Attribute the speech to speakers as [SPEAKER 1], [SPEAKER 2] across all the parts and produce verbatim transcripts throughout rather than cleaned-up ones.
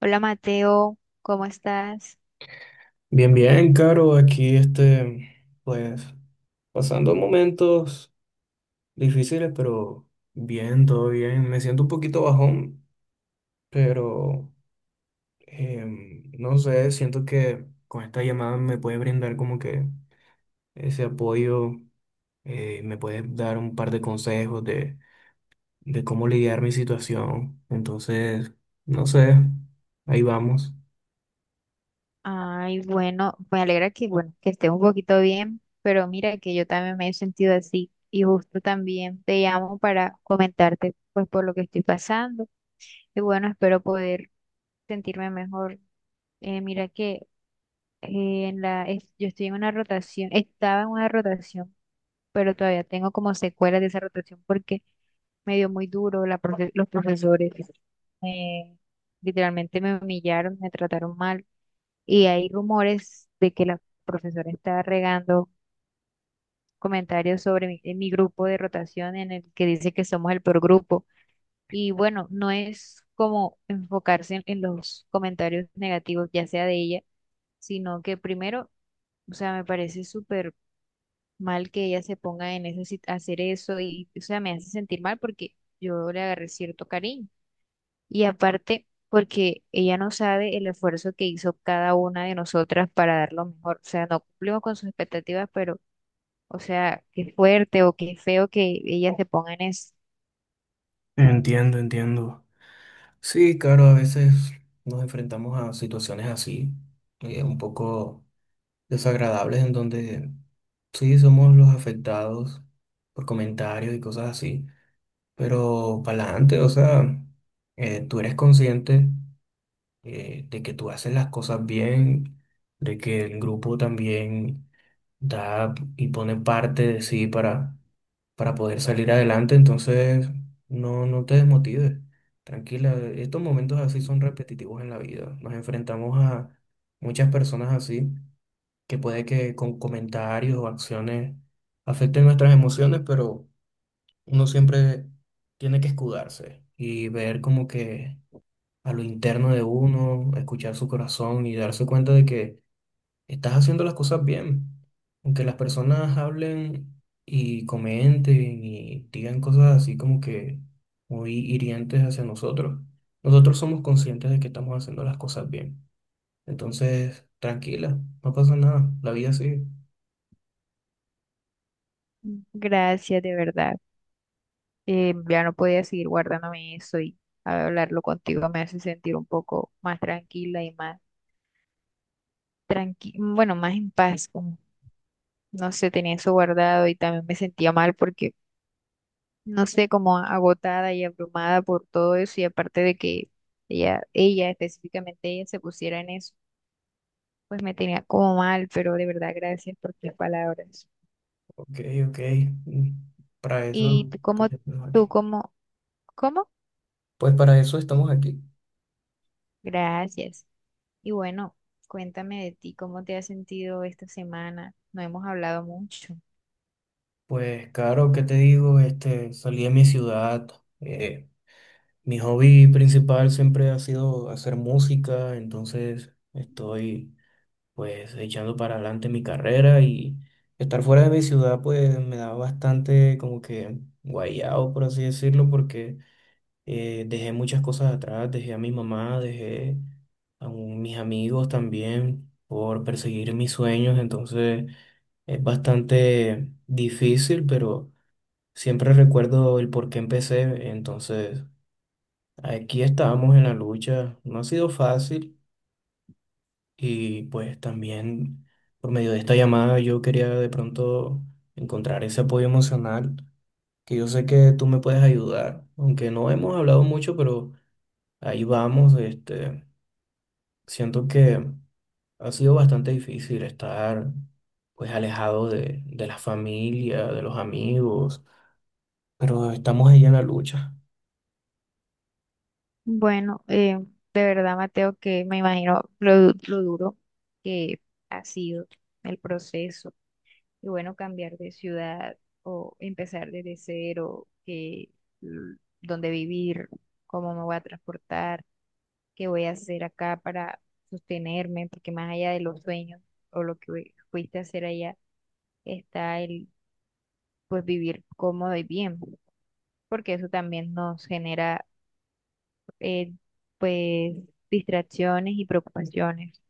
[SPEAKER 1] Hola Mateo, ¿cómo estás?
[SPEAKER 2] Bien, bien, Caro, aquí este, pues pasando momentos difíciles, pero bien, todo bien. Me siento un poquito bajón, pero em, no sé, siento que con esta llamada me puede brindar como que ese apoyo, eh, me puede dar un par de consejos de, de cómo lidiar mi situación. Entonces, no sé, ahí vamos.
[SPEAKER 1] Ay, bueno, me alegra que, bueno, que estés un poquito bien, pero mira que yo también me he sentido así y justo también te llamo para comentarte pues por lo que estoy pasando y bueno, espero poder sentirme mejor. Eh, mira que eh, en la, es- yo estoy en una rotación, estaba en una rotación, pero todavía tengo como secuelas de esa rotación porque me dio muy duro la profe- los profesores. me- Literalmente me humillaron, me trataron mal. Y hay rumores de que la profesora está regando comentarios sobre mi, en mi grupo de rotación en el que dice que somos el peor grupo. Y bueno, no es como enfocarse en, en los comentarios negativos, ya sea de ella, sino que primero, o sea, me parece súper mal que ella se ponga en eso, hacer eso y, o sea, me hace sentir mal porque yo le agarré cierto cariño. Y aparte, porque ella no sabe el esfuerzo que hizo cada una de nosotras para dar lo mejor. O sea, no cumplimos con sus expectativas, pero, o sea, qué fuerte o qué feo que ella se ponga en eso.
[SPEAKER 2] Entiendo, entiendo. Sí, claro, a veces nos enfrentamos a situaciones así, eh, un poco desagradables, en donde sí somos los afectados por comentarios y cosas así, pero para adelante, o sea, eh, tú eres consciente eh, de que tú haces las cosas bien, de que el grupo también da y pone parte de sí para para poder salir adelante, entonces no, no te desmotives. Tranquila, estos momentos así son repetitivos en la vida. Nos enfrentamos a muchas personas así, que puede que con comentarios o acciones afecten nuestras emociones, pero uno siempre tiene que escudarse y ver como que a lo interno de uno, escuchar su corazón y darse cuenta de que estás haciendo las cosas bien. Aunque las personas hablen y comenten y digan cosas así como que muy hirientes hacia nosotros, nosotros somos conscientes de que estamos haciendo las cosas bien. Entonces, tranquila, no pasa nada, la vida sigue.
[SPEAKER 1] Gracias, de verdad. Eh, ya no podía seguir guardándome eso y hablarlo contigo me hace sentir un poco más tranquila y más tranqui, bueno, más en paz. Como, no sé, tenía eso guardado y también me sentía mal porque no sé, como agotada y abrumada por todo eso y aparte de que ella, ella específicamente ella se pusiera en eso, pues me tenía como mal, pero de verdad gracias por tus palabras.
[SPEAKER 2] Ok, ok, mm, para
[SPEAKER 1] Y
[SPEAKER 2] eso,
[SPEAKER 1] tú como,
[SPEAKER 2] pues, estamos aquí.
[SPEAKER 1] tú como, ¿Cómo?
[SPEAKER 2] Pues para eso estamos aquí.
[SPEAKER 1] Gracias. Y bueno, cuéntame de ti, ¿cómo te has sentido esta semana? No hemos hablado mucho.
[SPEAKER 2] Pues claro, ¿qué te digo? Este, salí de mi ciudad, eh, mi hobby principal siempre ha sido hacer música, entonces estoy pues echando para adelante mi carrera y estar fuera de mi ciudad pues me da bastante como que guayado, por así decirlo, porque eh, dejé muchas cosas atrás, dejé a mi mamá, dejé a un- mis amigos también por perseguir mis sueños, entonces es bastante difícil, pero siempre recuerdo el por qué empecé, entonces... Aquí estamos en la lucha, no ha sido fácil y pues también por medio de esta llamada yo quería de pronto encontrar ese apoyo emocional que yo sé que tú me puedes ayudar, aunque no hemos hablado mucho, pero ahí vamos, este, siento que ha sido bastante difícil estar pues alejado de, de la familia, de los amigos, pero estamos ahí en la lucha.
[SPEAKER 1] Bueno, eh, de verdad, Mateo, que me imagino lo, du- lo duro que ha sido el proceso y bueno, cambiar de ciudad o empezar desde cero, que, mm, dónde vivir, cómo me voy a transportar, qué voy a hacer acá para sostenerme, porque más allá de los sueños o lo que fui- fuiste a hacer allá, está el pues vivir cómodo y bien, porque eso también nos genera eh, pues distracciones y preocupaciones.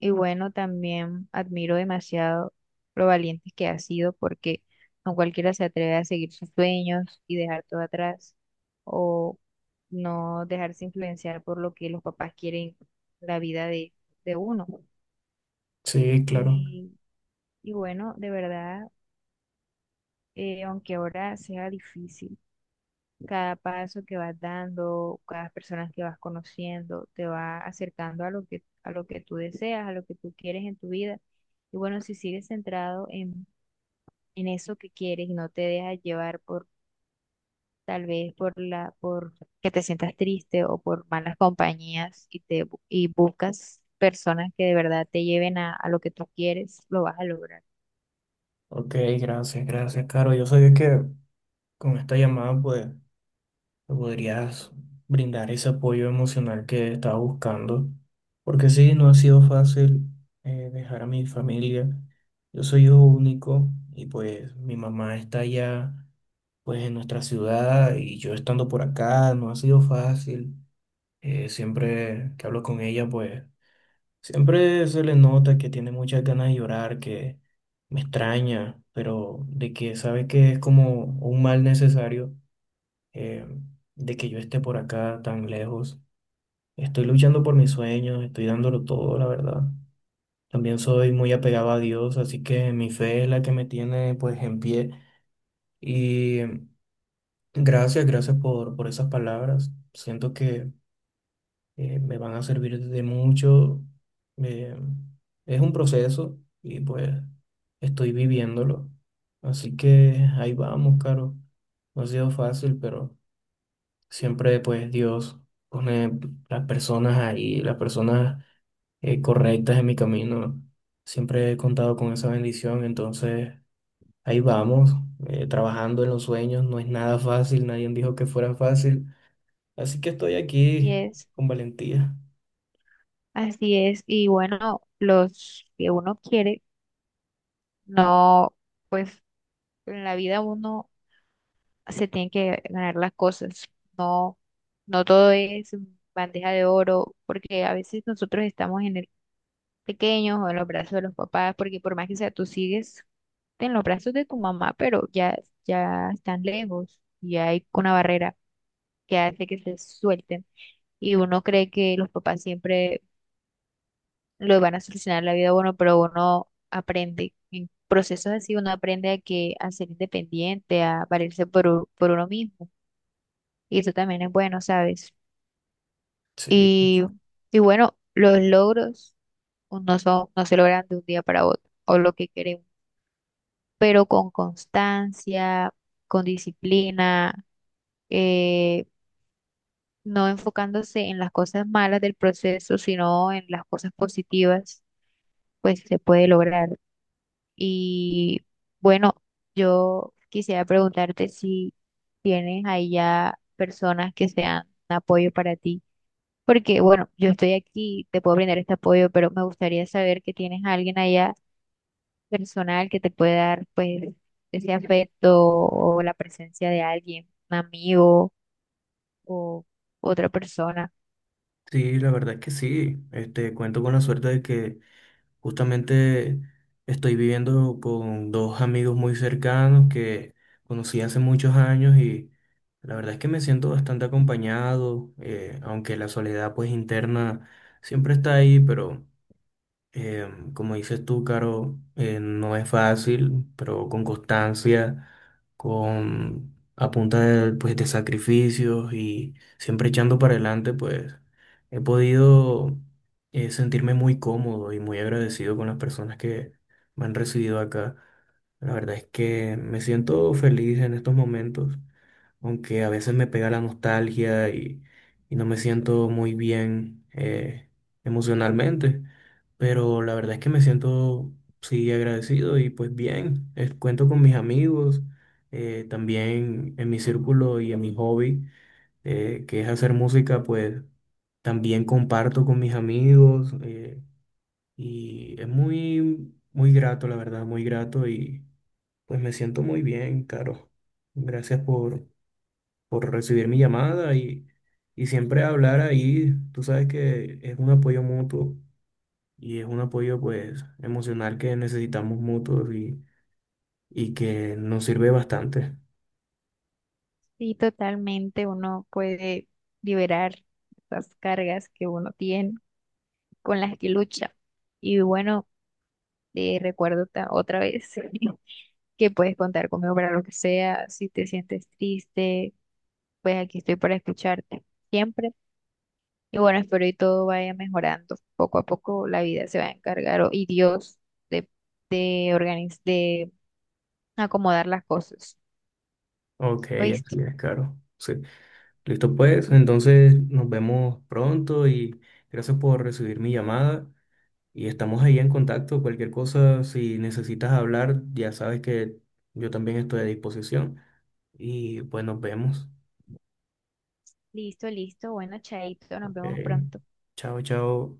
[SPEAKER 1] Y bueno, también admiro demasiado lo valientes que has sido porque no cualquiera se atreve a seguir sus sueños y dejar todo atrás o no dejarse influenciar por lo que los papás quieren la vida de, de uno.
[SPEAKER 2] Sí, claro.
[SPEAKER 1] Y, y bueno, de verdad, eh, aunque ahora sea difícil. Cada paso que vas dando, cada persona que vas conociendo, te va acercando a lo que, a lo que tú deseas, a lo que tú quieres en tu vida. Y bueno, si sigues centrado en, en eso que quieres y no te dejas llevar por tal vez por la, por que te sientas triste o por malas compañías y te bu- y buscas personas que de verdad te lleven a, a lo que tú quieres, lo vas a lograr.
[SPEAKER 2] Ok, gracias, gracias, Caro. Yo sabía que con esta llamada pues me podrías brindar ese apoyo emocional que estaba buscando, porque sí, no ha sido fácil eh, dejar a mi familia. Yo soy hijo único y pues mi mamá está allá, pues en nuestra ciudad y yo estando por acá, no ha sido fácil. Eh, siempre que hablo con ella, pues siempre se le nota que tiene muchas ganas de llorar, que me extraña, pero de que sabe que es como un mal necesario eh, de que yo esté por acá tan lejos. Estoy luchando por mis sueños, estoy dándolo todo, la verdad. También soy muy apegado a Dios, así que mi fe es la que me tiene pues en pie. Y gracias, gracias por, por esas palabras. Siento que eh, me van a servir de mucho. Eh, es un proceso y pues estoy viviéndolo. Así que ahí vamos, Caro. No ha sido fácil, pero... Siempre pues Dios pone las personas ahí, las personas eh, correctas en mi camino. Siempre he contado con esa bendición, entonces ahí vamos, eh, trabajando en los sueños. No es nada fácil, nadie dijo que fuera fácil. Así que estoy
[SPEAKER 1] Y
[SPEAKER 2] aquí
[SPEAKER 1] es,
[SPEAKER 2] con valentía.
[SPEAKER 1] Así es. Y bueno, los que uno quiere, no, pues en la vida uno se tienen que ganar las cosas. No, no todo es bandeja de oro, porque a veces nosotros estamos en el pequeño o en los brazos de los papás, porque por más que sea, tú sigues en los brazos de tu mamá, pero ya, ya están lejos y hay una barrera que hace que se suelten. Y uno cree que los papás siempre lo van a solucionar la vida a uno, pero uno aprende. En procesos así uno aprende a que a ser independiente, a valerse por, u- por uno mismo. Y eso también es bueno, ¿sabes?
[SPEAKER 2] Sí,
[SPEAKER 1] Y, y bueno, los logros no son, no se logran de un día para otro, o lo que queremos, pero con constancia, con disciplina, eh, no enfocándose en las cosas malas del proceso, sino en las cosas positivas, pues se puede lograr. Y bueno, yo quisiera preguntarte si tienes ahí ya personas que sean un apoyo para ti. Porque, bueno, yo estoy aquí, te puedo brindar este apoyo, pero me gustaría saber que tienes a alguien allá personal que te pueda dar, pues, ese afecto o la presencia de alguien, un amigo o otra persona.
[SPEAKER 2] sí, la verdad es que sí. Este, cuento con la suerte de que justamente estoy viviendo con dos amigos muy cercanos que conocí hace muchos años y la verdad es que me siento bastante acompañado, eh, aunque la soledad pues interna siempre está ahí, pero eh, como dices tú, Caro, eh, no es fácil, pero con constancia, con a punta de, pues, de sacrificios y siempre echando para adelante, pues he podido eh, sentirme muy cómodo y muy agradecido con las personas que me han recibido acá. La verdad es que me siento feliz en estos momentos aunque a veces me pega la nostalgia y, y no me siento muy bien eh, emocionalmente, pero la verdad es que me siento sí agradecido y pues bien, eh, cuento con mis amigos, eh, también en mi círculo y en mi hobby, eh, que es hacer música, pues también comparto con mis amigos eh, y es muy, muy grato, la verdad, muy grato y pues me siento muy bien, Caro. Gracias por por recibir mi llamada y, y siempre hablar ahí. Tú sabes que es un apoyo mutuo y es un apoyo pues emocional que necesitamos mutuos y, y que nos sirve bastante.
[SPEAKER 1] Sí, totalmente. Uno puede liberar esas cargas que uno tiene con las que lucha. Y bueno, eh, recuerdo ta- otra vez que puedes contar conmigo para lo que sea. Si te sientes triste, pues aquí estoy para escucharte siempre. Y bueno, espero y todo vaya mejorando. Poco a poco la vida se va a encargar o- y Dios de, de, organiz- de acomodar las cosas.
[SPEAKER 2] Ok, así
[SPEAKER 1] ¿Oíste?
[SPEAKER 2] es, claro. Sí. Listo pues, entonces nos vemos pronto y gracias por recibir mi llamada y estamos ahí en contacto. Cualquier cosa, si necesitas hablar, ya sabes que yo también estoy a disposición y pues nos vemos.
[SPEAKER 1] Listo, listo. Bueno, chaito, nos vemos
[SPEAKER 2] Ok,
[SPEAKER 1] pronto.
[SPEAKER 2] chao, chao.